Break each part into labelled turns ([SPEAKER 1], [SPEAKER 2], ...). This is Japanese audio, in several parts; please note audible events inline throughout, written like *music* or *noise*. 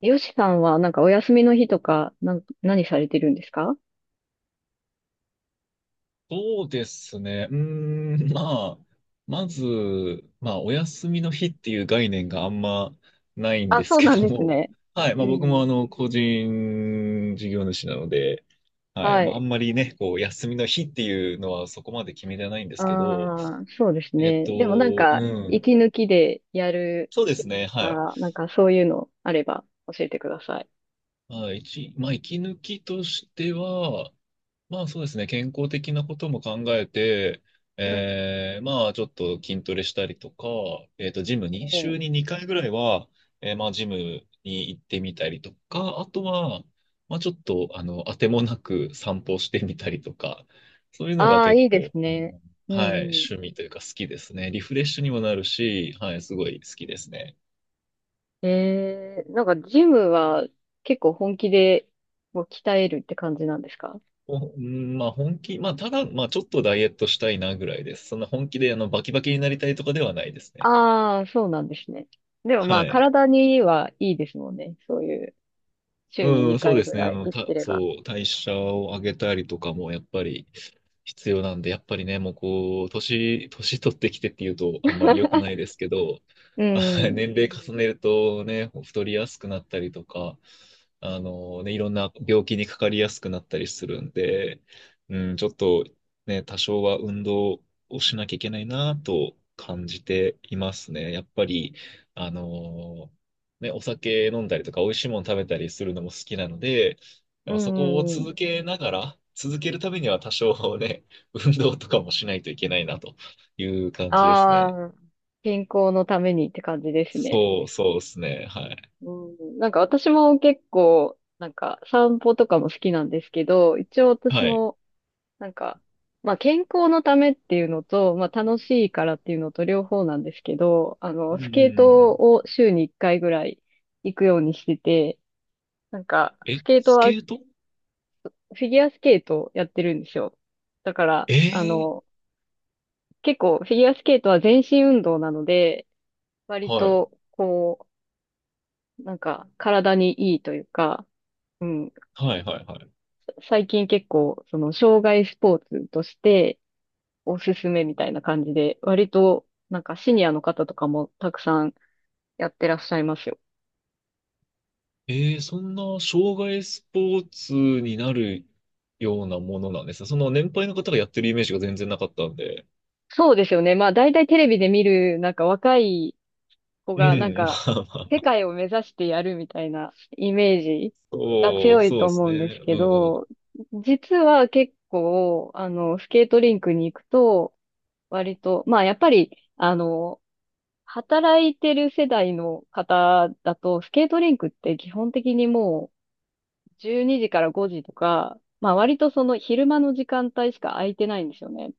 [SPEAKER 1] よしさんは、なんかお休みの日とか、何されてるんですか？
[SPEAKER 2] そうですね。ん、*laughs* まあ、まず、お休みの日っていう概念があんまないん
[SPEAKER 1] あ、
[SPEAKER 2] です
[SPEAKER 1] そう
[SPEAKER 2] け
[SPEAKER 1] なん
[SPEAKER 2] ど
[SPEAKER 1] です
[SPEAKER 2] も、
[SPEAKER 1] ね。
[SPEAKER 2] *laughs* はい、
[SPEAKER 1] う
[SPEAKER 2] まあ僕も
[SPEAKER 1] ん。
[SPEAKER 2] 個人事業主なので、はい、
[SPEAKER 1] は
[SPEAKER 2] まああ
[SPEAKER 1] い。
[SPEAKER 2] んまりね、こう、休みの日っていうのはそこまで決めてないんですけど、
[SPEAKER 1] ああ、そうです
[SPEAKER 2] えっ
[SPEAKER 1] ね。でもなん
[SPEAKER 2] と、う
[SPEAKER 1] か、
[SPEAKER 2] ん、
[SPEAKER 1] 息抜きでやる
[SPEAKER 2] そうで
[SPEAKER 1] し
[SPEAKER 2] すね、はい。
[SPEAKER 1] か、なんかそういうのあれば教えてください。
[SPEAKER 2] はい、まあ、息抜きとしては、まあそうですね、健康的なことも考えて、
[SPEAKER 1] うん
[SPEAKER 2] まあちょっと筋トレしたりとか、ジムに、
[SPEAKER 1] うん。
[SPEAKER 2] 週に2回ぐらいは、まあジムに行ってみたりとか、あとは、まあちょっと、当てもなく散歩してみたりとか、そういうのが
[SPEAKER 1] ああ、
[SPEAKER 2] 結
[SPEAKER 1] いいです
[SPEAKER 2] 構、
[SPEAKER 1] ね。う
[SPEAKER 2] はい、
[SPEAKER 1] んう
[SPEAKER 2] 趣味というか好きですね。リフレッシュにもなるし、はい、すごい好きですね。
[SPEAKER 1] ん。なんかジムは結構本気でもう鍛えるって感じなんですか？
[SPEAKER 2] おうんまあ本気、まあただ、まあちょっとダイエットしたいなぐらいです。そんな本気でバキバキになりたいとかではないですね。
[SPEAKER 1] ああー、そうなんですね。でもま
[SPEAKER 2] は
[SPEAKER 1] あ
[SPEAKER 2] い。
[SPEAKER 1] 体にはいいですもんね。そういう。週に
[SPEAKER 2] うん、そう
[SPEAKER 1] 2
[SPEAKER 2] で
[SPEAKER 1] 回ぐ
[SPEAKER 2] すね。
[SPEAKER 1] ら
[SPEAKER 2] あ
[SPEAKER 1] い
[SPEAKER 2] の、
[SPEAKER 1] 行っ
[SPEAKER 2] た、
[SPEAKER 1] てれば。
[SPEAKER 2] そう、代謝を上げたりとかもやっぱり必要なんで、やっぱりね、もうこう、年取ってきてっていうとあんまり良くないですけど、
[SPEAKER 1] う
[SPEAKER 2] *laughs* あ
[SPEAKER 1] ん。
[SPEAKER 2] 年齢重ねるとね、太りやすくなったりとか、あのね、いろんな病気にかかりやすくなったりするんで、うん、ちょっとね、多少は運動をしなきゃいけないなと感じていますね。やっぱり、あのね、お酒飲んだりとか、美味しいもの食べたりするのも好きなので、や
[SPEAKER 1] う
[SPEAKER 2] っぱそこを
[SPEAKER 1] んうんうん。
[SPEAKER 2] 続けながら、続けるためには多少ね、*laughs* 運動とかもしないといけないなという感じですね。
[SPEAKER 1] ああ、健康のためにって感じですね。
[SPEAKER 2] そうそうですね。はい。
[SPEAKER 1] うん、なんか私も結構、なんか散歩とかも好きなんですけど、一応私
[SPEAKER 2] はい。
[SPEAKER 1] も、なんか、まあ健康のためっていうのと、まあ楽しいからっていうのと両方なんですけど、あ
[SPEAKER 2] う
[SPEAKER 1] の、
[SPEAKER 2] んうんう
[SPEAKER 1] スケー
[SPEAKER 2] んう
[SPEAKER 1] ト
[SPEAKER 2] ん。
[SPEAKER 1] を週に1回ぐらい行くようにしてて、なんか、
[SPEAKER 2] え、
[SPEAKER 1] スケート
[SPEAKER 2] ス
[SPEAKER 1] は、
[SPEAKER 2] ケ
[SPEAKER 1] フ
[SPEAKER 2] ート。
[SPEAKER 1] ィギュアスケートをやってるんですよ。だから、
[SPEAKER 2] え
[SPEAKER 1] あ
[SPEAKER 2] えー。
[SPEAKER 1] の、結構フィギュアスケートは全身運動なので、割
[SPEAKER 2] はい。
[SPEAKER 1] と、こう、なんか体にいいというか、うん、
[SPEAKER 2] はいはいはい。
[SPEAKER 1] 最近結構、その、障害スポーツとしておすすめみたいな感じで、割と、なんかシニアの方とかもたくさんやってらっしゃいますよ。
[SPEAKER 2] そんな障害スポーツになるようなものなんですね。その年配の方がやってるイメージが全然なかったんで。
[SPEAKER 1] そうですよね。まあ、大体テレビで見る、なんか若い子
[SPEAKER 2] う
[SPEAKER 1] がなん
[SPEAKER 2] ん、*laughs* ま
[SPEAKER 1] か、
[SPEAKER 2] あま
[SPEAKER 1] 世
[SPEAKER 2] あ。
[SPEAKER 1] 界を目指してやるみたいなイメージが
[SPEAKER 2] おー、
[SPEAKER 1] 強い
[SPEAKER 2] そう
[SPEAKER 1] と
[SPEAKER 2] です
[SPEAKER 1] 思
[SPEAKER 2] ね。
[SPEAKER 1] うんです
[SPEAKER 2] うん
[SPEAKER 1] け
[SPEAKER 2] うん。
[SPEAKER 1] ど、実は結構、あの、スケートリンクに行くと、割と、まあやっぱり、あの、働いてる世代の方だと、スケートリンクって基本的にもう12時から5時とか、まあ割とその昼間の時間帯しか空いてないんですよね。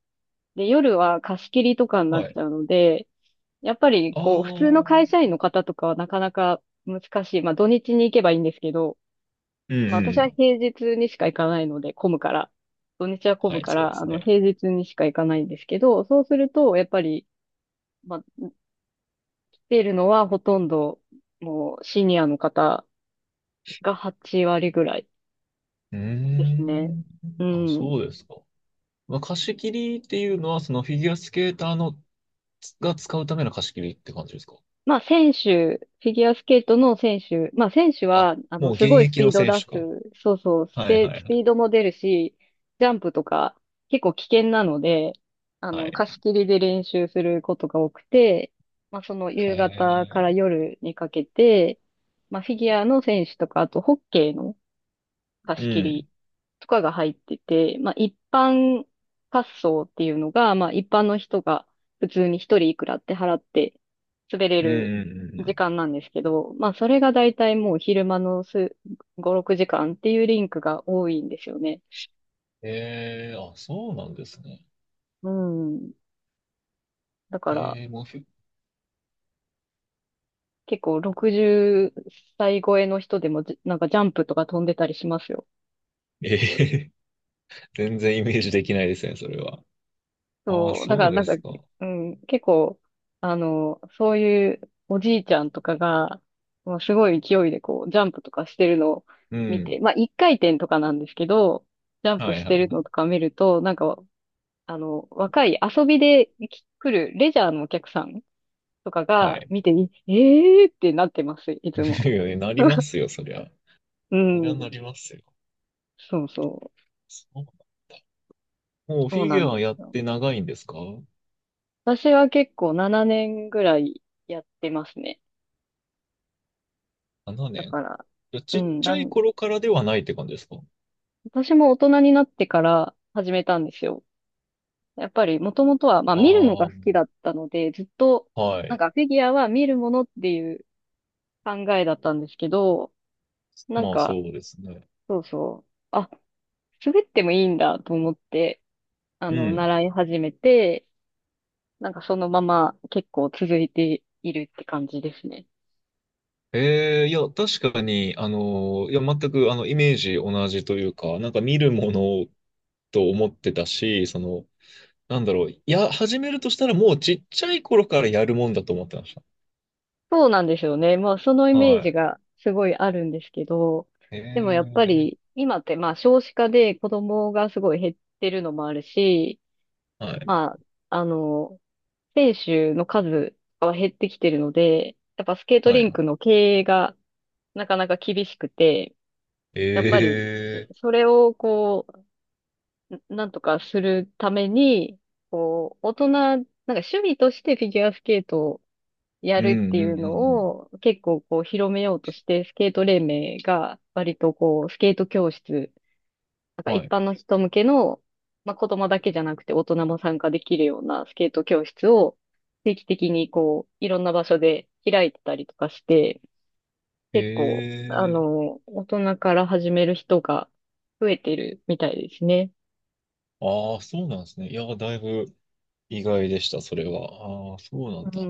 [SPEAKER 1] で、夜は貸し切りとかになっ
[SPEAKER 2] は
[SPEAKER 1] ち
[SPEAKER 2] い。
[SPEAKER 1] ゃうので、やっぱり、
[SPEAKER 2] ああ、う
[SPEAKER 1] こう、普通の会社員
[SPEAKER 2] ん
[SPEAKER 1] の方とかはなかなか難しい。まあ、土日に行けばいいんですけど、
[SPEAKER 2] う
[SPEAKER 1] まあ、私は
[SPEAKER 2] ん。
[SPEAKER 1] 平日にしか行かないので、混むから。土日は混
[SPEAKER 2] は
[SPEAKER 1] む
[SPEAKER 2] い、
[SPEAKER 1] か
[SPEAKER 2] そうで
[SPEAKER 1] ら、あ
[SPEAKER 2] す
[SPEAKER 1] の、
[SPEAKER 2] ね。
[SPEAKER 1] 平日にしか行かないんですけど、そうすると、やっぱり、まあ、来ているのはほとんど、もう、シニアの方が8割ぐらい
[SPEAKER 2] うー
[SPEAKER 1] ですね。
[SPEAKER 2] ん。
[SPEAKER 1] う
[SPEAKER 2] あ、
[SPEAKER 1] ん。
[SPEAKER 2] そうですか。まあ、貸し切りっていうのは、そのフィギュアスケーターのつが使うための貸し切りって感じですか？
[SPEAKER 1] まあ、選手、フィギュアスケートの選手、まあ、選手
[SPEAKER 2] あ、
[SPEAKER 1] は、あの、
[SPEAKER 2] もう現
[SPEAKER 1] すごいス
[SPEAKER 2] 役
[SPEAKER 1] ピ
[SPEAKER 2] の
[SPEAKER 1] ードを
[SPEAKER 2] 選
[SPEAKER 1] 出
[SPEAKER 2] 手か。
[SPEAKER 1] す、そうそう、
[SPEAKER 2] はいはい
[SPEAKER 1] ス
[SPEAKER 2] は
[SPEAKER 1] ピ
[SPEAKER 2] い。
[SPEAKER 1] ードも出るし、ジャンプとか、結構危険なので、あ
[SPEAKER 2] は
[SPEAKER 1] の、
[SPEAKER 2] い。
[SPEAKER 1] 貸し切りで練習することが多くて、まあ、その
[SPEAKER 2] へ
[SPEAKER 1] 夕方から
[SPEAKER 2] え。
[SPEAKER 1] 夜にかけて、まあ、フィギュアの選手とか、あと、ホッケーの貸
[SPEAKER 2] う
[SPEAKER 1] し切
[SPEAKER 2] ん。
[SPEAKER 1] りとかが入ってて、まあ一般滑走っていうのが、まあ一般の人が普通に一人いくらって払って滑れ
[SPEAKER 2] うん
[SPEAKER 1] る
[SPEAKER 2] うんうんう
[SPEAKER 1] 時
[SPEAKER 2] ん。
[SPEAKER 1] 間なんですけど、まあそれがだいたいもう昼間の5、6時間っていうリンクが多いんですよね。
[SPEAKER 2] ええ、あ、そうなんですね。
[SPEAKER 1] うん。だから
[SPEAKER 2] ええ、もうフィ、
[SPEAKER 1] 結構60歳超えの人でもなんかジャンプとか飛んでたりしますよ。
[SPEAKER 2] ええ、*laughs* 全然イメージできないですね、それは。ああ、
[SPEAKER 1] そう、だか
[SPEAKER 2] そ
[SPEAKER 1] ら
[SPEAKER 2] う
[SPEAKER 1] な
[SPEAKER 2] で
[SPEAKER 1] んか、
[SPEAKER 2] すか。
[SPEAKER 1] うん、結構、あの、そういうおじいちゃんとかが、もうすごい勢いでこう、ジャンプとかしてるのを
[SPEAKER 2] う
[SPEAKER 1] 見て、
[SPEAKER 2] ん。
[SPEAKER 1] まあ、一回転とかなんですけど、ジャンプ
[SPEAKER 2] は
[SPEAKER 1] し
[SPEAKER 2] いは
[SPEAKER 1] てる
[SPEAKER 2] い。
[SPEAKER 1] のとか見ると、なんか、あの、若い遊びでき来るレジャーのお客さんとか
[SPEAKER 2] は
[SPEAKER 1] が
[SPEAKER 2] い。
[SPEAKER 1] 見て、ええーってなってます、いつも。
[SPEAKER 2] *laughs* い、なりま
[SPEAKER 1] *laughs*
[SPEAKER 2] すよ、そりゃ。
[SPEAKER 1] う
[SPEAKER 2] そりゃ
[SPEAKER 1] ん、
[SPEAKER 2] なりますよ。
[SPEAKER 1] そうそう、
[SPEAKER 2] そうなんだ。もうフ
[SPEAKER 1] そう
[SPEAKER 2] ィギ
[SPEAKER 1] なん
[SPEAKER 2] ュア
[SPEAKER 1] で
[SPEAKER 2] や
[SPEAKER 1] す
[SPEAKER 2] っ
[SPEAKER 1] よ。
[SPEAKER 2] て長いんですか？
[SPEAKER 1] 私は結構7年ぐらいやってますね。だか
[SPEAKER 2] 7年
[SPEAKER 1] ら、
[SPEAKER 2] 年？いや、
[SPEAKER 1] う
[SPEAKER 2] ちっ
[SPEAKER 1] ん、
[SPEAKER 2] ちゃい頃からではないって感じですか？
[SPEAKER 1] 私も大人になってから始めたんですよ。やっぱりもともとは、まあ
[SPEAKER 2] あ
[SPEAKER 1] 見るの
[SPEAKER 2] あ
[SPEAKER 1] が
[SPEAKER 2] ー、
[SPEAKER 1] 好きだったので、ずっと、
[SPEAKER 2] は
[SPEAKER 1] なん
[SPEAKER 2] い。
[SPEAKER 1] かフィギュアは見るものっていう考えだったんですけど、なん
[SPEAKER 2] まあ
[SPEAKER 1] か、
[SPEAKER 2] そうですね。
[SPEAKER 1] そうそう、あ、滑ってもいいんだと思って、あ
[SPEAKER 2] う
[SPEAKER 1] の、
[SPEAKER 2] ん。
[SPEAKER 1] 習い始めて、なんかそのまま結構続いているって感じですね。
[SPEAKER 2] ええ、いや、確かに、いや、全く、イメージ同じというか、なんか見るものと思ってたし、その、なんだろう、いや、始めるとしたらもうちっちゃい頃からやるもんだと思ってました。
[SPEAKER 1] そうなんですよね。まあ、そのイメ
[SPEAKER 2] は
[SPEAKER 1] ージ
[SPEAKER 2] い。
[SPEAKER 1] がすごいあるんですけど、
[SPEAKER 2] え
[SPEAKER 1] でもやっぱり、
[SPEAKER 2] え。
[SPEAKER 1] 今ってまあ、少子化で子供がすごい減ってるのもあるし、
[SPEAKER 2] はい。
[SPEAKER 1] まあ、あの、選手の数は減ってきてるので、やっぱスケート
[SPEAKER 2] は
[SPEAKER 1] リン
[SPEAKER 2] い。
[SPEAKER 1] クの経営がなかなか厳しくて、やっぱり、
[SPEAKER 2] ええ。
[SPEAKER 1] それをこう、なんとかするために、こう、大人、なんか趣味としてフィギュアスケートをや
[SPEAKER 2] うん
[SPEAKER 1] るって
[SPEAKER 2] う
[SPEAKER 1] いう
[SPEAKER 2] んう
[SPEAKER 1] の
[SPEAKER 2] んうん。
[SPEAKER 1] を結構こう広めようとして、スケート連盟が割とこうスケート教室、なんか
[SPEAKER 2] は
[SPEAKER 1] 一
[SPEAKER 2] い。
[SPEAKER 1] 般の人向けの、まあ、子供だけじゃなくて大人も参加できるようなスケート教室を定期的にこういろんな場所で開いてたりとかして、結構あ
[SPEAKER 2] ええ。
[SPEAKER 1] の、大人から始める人が増えてるみたいですね。
[SPEAKER 2] ああ、そうなんですね。いや、だいぶ意外でした、それは。ああ、そうなん
[SPEAKER 1] う
[SPEAKER 2] だ。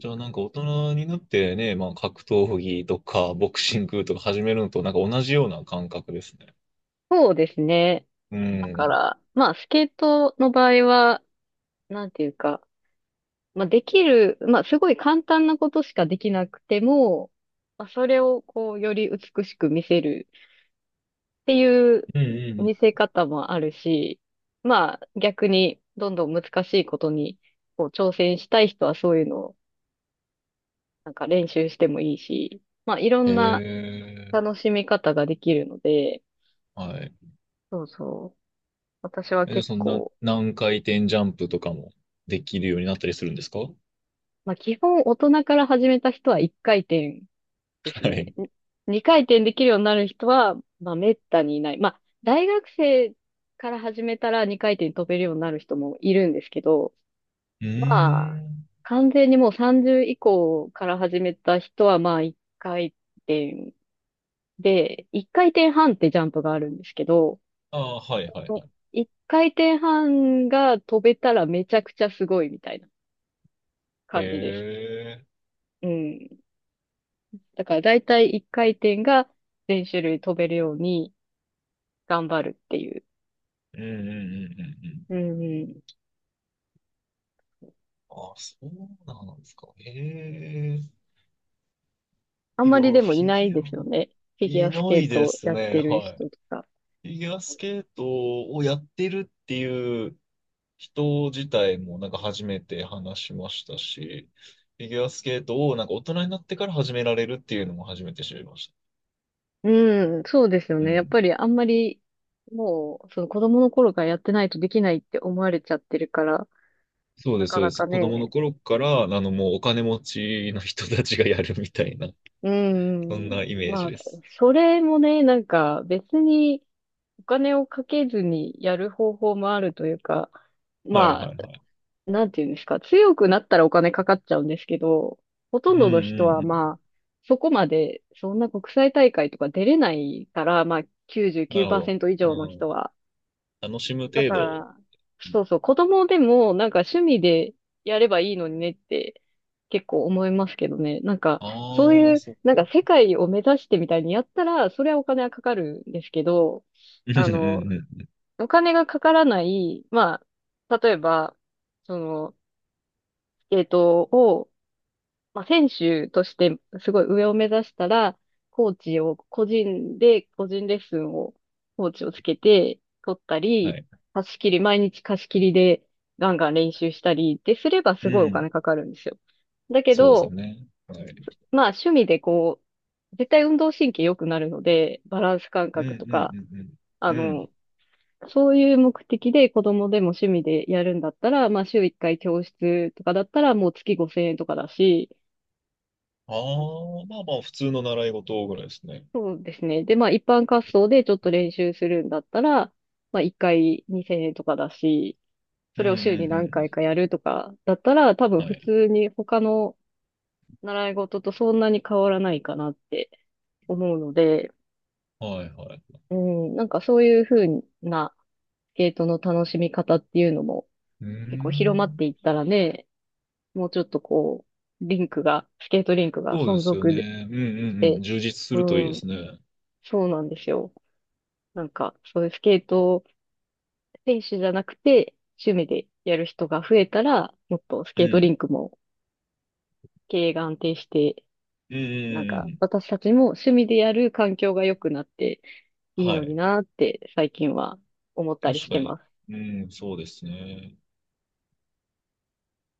[SPEAKER 2] じゃあ、なんか大人になってね、まあ、格闘技とか、ボクシングとか始めるのと、なんか同じような感覚ですね。
[SPEAKER 1] そうですね。
[SPEAKER 2] う
[SPEAKER 1] だか
[SPEAKER 2] ん。
[SPEAKER 1] ら、まあスケートの場合は、なんていうか、まあ、できる、まあ、すごい簡単なことしかできなくても、まあ、それをこう、より美しく見せるっていう
[SPEAKER 2] うんうんう
[SPEAKER 1] 見
[SPEAKER 2] ん。
[SPEAKER 1] せ方もあるし、まあ、逆にどんどん難しいことにこう挑戦したい人はそういうのをなんか練習してもいいし、まあ、いろんな
[SPEAKER 2] ええ。
[SPEAKER 1] 楽しみ方ができるので、
[SPEAKER 2] はい。
[SPEAKER 1] そうそう。私は
[SPEAKER 2] え、じゃあ、
[SPEAKER 1] 結
[SPEAKER 2] そんな、
[SPEAKER 1] 構、
[SPEAKER 2] 何回転ジャンプとかもできるようになったりするんですか？は
[SPEAKER 1] まあ、基本大人から始めた人は一回転ですね。
[SPEAKER 2] い。
[SPEAKER 1] 二回転できるようになる人は、まあ、めったにいない。まあ、大学生から始めたら二回転飛べるようになる人もいるんですけど、
[SPEAKER 2] うー
[SPEAKER 1] まあ、
[SPEAKER 2] ん。
[SPEAKER 1] 完全にもう30以降から始めた人は、まあ、一回転で、一回転半ってジャンプがあるんですけど、
[SPEAKER 2] ああ、はいはいはい。
[SPEAKER 1] 一回転半が飛べたらめちゃくちゃすごいみたいな
[SPEAKER 2] へ
[SPEAKER 1] 感じです。
[SPEAKER 2] え。
[SPEAKER 1] うん。だから大体一回転が全種類飛べるように頑張るっていう、
[SPEAKER 2] うんうんうんうんうん。
[SPEAKER 1] うんうん。
[SPEAKER 2] あ、そうなんですか。え
[SPEAKER 1] あん
[SPEAKER 2] え、い
[SPEAKER 1] ま
[SPEAKER 2] や、フ
[SPEAKER 1] りでもい
[SPEAKER 2] ィ
[SPEAKER 1] ない
[SPEAKER 2] ギ
[SPEAKER 1] です
[SPEAKER 2] ュ
[SPEAKER 1] よ
[SPEAKER 2] ア、
[SPEAKER 1] ね。フィギュ
[SPEAKER 2] い
[SPEAKER 1] アス
[SPEAKER 2] な
[SPEAKER 1] ケー
[SPEAKER 2] い
[SPEAKER 1] ト
[SPEAKER 2] で
[SPEAKER 1] を
[SPEAKER 2] す
[SPEAKER 1] やっ
[SPEAKER 2] ね。
[SPEAKER 1] てる
[SPEAKER 2] はい。
[SPEAKER 1] 人とか。
[SPEAKER 2] フィギュアスケートをやってるっていう人自体もなんか初めて話しましたし、フィギュアスケートをなんか大人になってから始められるっていうのも初めて知りまし
[SPEAKER 1] うん、そうですよ
[SPEAKER 2] た。う
[SPEAKER 1] ね。やっぱ
[SPEAKER 2] ん。
[SPEAKER 1] りあんまり、もう、その子供の頃からやってないとできないって思われちゃってるから、
[SPEAKER 2] そうで
[SPEAKER 1] な
[SPEAKER 2] す、
[SPEAKER 1] か
[SPEAKER 2] そうで
[SPEAKER 1] な
[SPEAKER 2] す。
[SPEAKER 1] か
[SPEAKER 2] 子供の
[SPEAKER 1] ね。
[SPEAKER 2] 頃から、もうお金持ちの人たちがやるみたいな、
[SPEAKER 1] う
[SPEAKER 2] そんな
[SPEAKER 1] ん。
[SPEAKER 2] イメー
[SPEAKER 1] ま
[SPEAKER 2] ジ
[SPEAKER 1] あ、
[SPEAKER 2] です。
[SPEAKER 1] それもね、なんか別にお金をかけずにやる方法もあるというか、
[SPEAKER 2] はい
[SPEAKER 1] ま、
[SPEAKER 2] はいはい。
[SPEAKER 1] なんていうんですか、強くなったらお金かかっちゃうんですけど、ほ
[SPEAKER 2] う
[SPEAKER 1] と
[SPEAKER 2] ん
[SPEAKER 1] んどの
[SPEAKER 2] う
[SPEAKER 1] 人は
[SPEAKER 2] ん。
[SPEAKER 1] まあ、そこまで、そんな国際大会とか出れないから、まあ、
[SPEAKER 2] なるほど。
[SPEAKER 1] 99%以上の
[SPEAKER 2] う
[SPEAKER 1] 人
[SPEAKER 2] ん。
[SPEAKER 1] は。
[SPEAKER 2] 楽しむ
[SPEAKER 1] だ
[SPEAKER 2] 程
[SPEAKER 1] か
[SPEAKER 2] 度。
[SPEAKER 1] ら、そうそう、子供でもなんか趣味でやればいいのにねって結構思いますけどね。なんか、そう
[SPEAKER 2] ああ、
[SPEAKER 1] いう、
[SPEAKER 2] そっ
[SPEAKER 1] なん
[SPEAKER 2] か。
[SPEAKER 1] か世界を目指してみたいにやったら、それはお金はかかるんですけど、
[SPEAKER 2] うんう
[SPEAKER 1] あの、
[SPEAKER 2] んうん。
[SPEAKER 1] お金がかからない、まあ、例えば、その、スケートをまあ、選手としてすごい上を目指したら、コーチを個人で、個人レッスンを、コーチをつけて取った
[SPEAKER 2] は
[SPEAKER 1] り、
[SPEAKER 2] い。
[SPEAKER 1] 貸し切り、毎日貸し切りでガンガン練習したりってすればす
[SPEAKER 2] う
[SPEAKER 1] ごいお
[SPEAKER 2] ん。
[SPEAKER 1] 金かかるんですよ。だけ
[SPEAKER 2] そうですよ
[SPEAKER 1] ど、
[SPEAKER 2] ね。はい。
[SPEAKER 1] まあ趣味でこう、絶対運動神経良くなるので、バランス感
[SPEAKER 2] うんう
[SPEAKER 1] 覚と
[SPEAKER 2] ん
[SPEAKER 1] か、あ
[SPEAKER 2] うんうん。う
[SPEAKER 1] の、
[SPEAKER 2] ん。
[SPEAKER 1] そういう目的で子供でも趣味でやるんだったら、まあ週1回教室とかだったらもう月5000円とかだし、
[SPEAKER 2] ああ、まあまあ、普通の習い事ぐらいですね。
[SPEAKER 1] そうですね。で、まあ一般滑走でちょっと練習するんだったら、まあ一回2000円とかだし、
[SPEAKER 2] う
[SPEAKER 1] そ
[SPEAKER 2] んう
[SPEAKER 1] れを週に
[SPEAKER 2] んう
[SPEAKER 1] 何回
[SPEAKER 2] ん。
[SPEAKER 1] かやるとかだったら、多分普通に他の習い事とそんなに変わらないかなって思うので、
[SPEAKER 2] はいはいはい。
[SPEAKER 1] うん、なんかそういう風なスケートの楽しみ方っていうのも
[SPEAKER 2] うー
[SPEAKER 1] 結構広まっ
[SPEAKER 2] ん。
[SPEAKER 1] ていったらね、もうちょっとこう、リンクが、スケートリンクが
[SPEAKER 2] そうで
[SPEAKER 1] 存
[SPEAKER 2] すよ
[SPEAKER 1] 続で、
[SPEAKER 2] ね。うんうんうん。充実すると
[SPEAKER 1] う
[SPEAKER 2] いいで
[SPEAKER 1] ん、
[SPEAKER 2] すね。う
[SPEAKER 1] そうなんですよ。なんかそういうスケート選手じゃなくて、趣味でやる人が増えたら、もっとスケートリ
[SPEAKER 2] ん。
[SPEAKER 1] ンクも経営が安定して、
[SPEAKER 2] うんうん
[SPEAKER 1] なん
[SPEAKER 2] う
[SPEAKER 1] か
[SPEAKER 2] んうん。
[SPEAKER 1] 私たちも趣味でやる環境が良くなっていい
[SPEAKER 2] は
[SPEAKER 1] のに
[SPEAKER 2] い。
[SPEAKER 1] なーって最近は思ったり
[SPEAKER 2] 確
[SPEAKER 1] し
[SPEAKER 2] か
[SPEAKER 1] てま
[SPEAKER 2] に。
[SPEAKER 1] す。
[SPEAKER 2] うん、そうですね。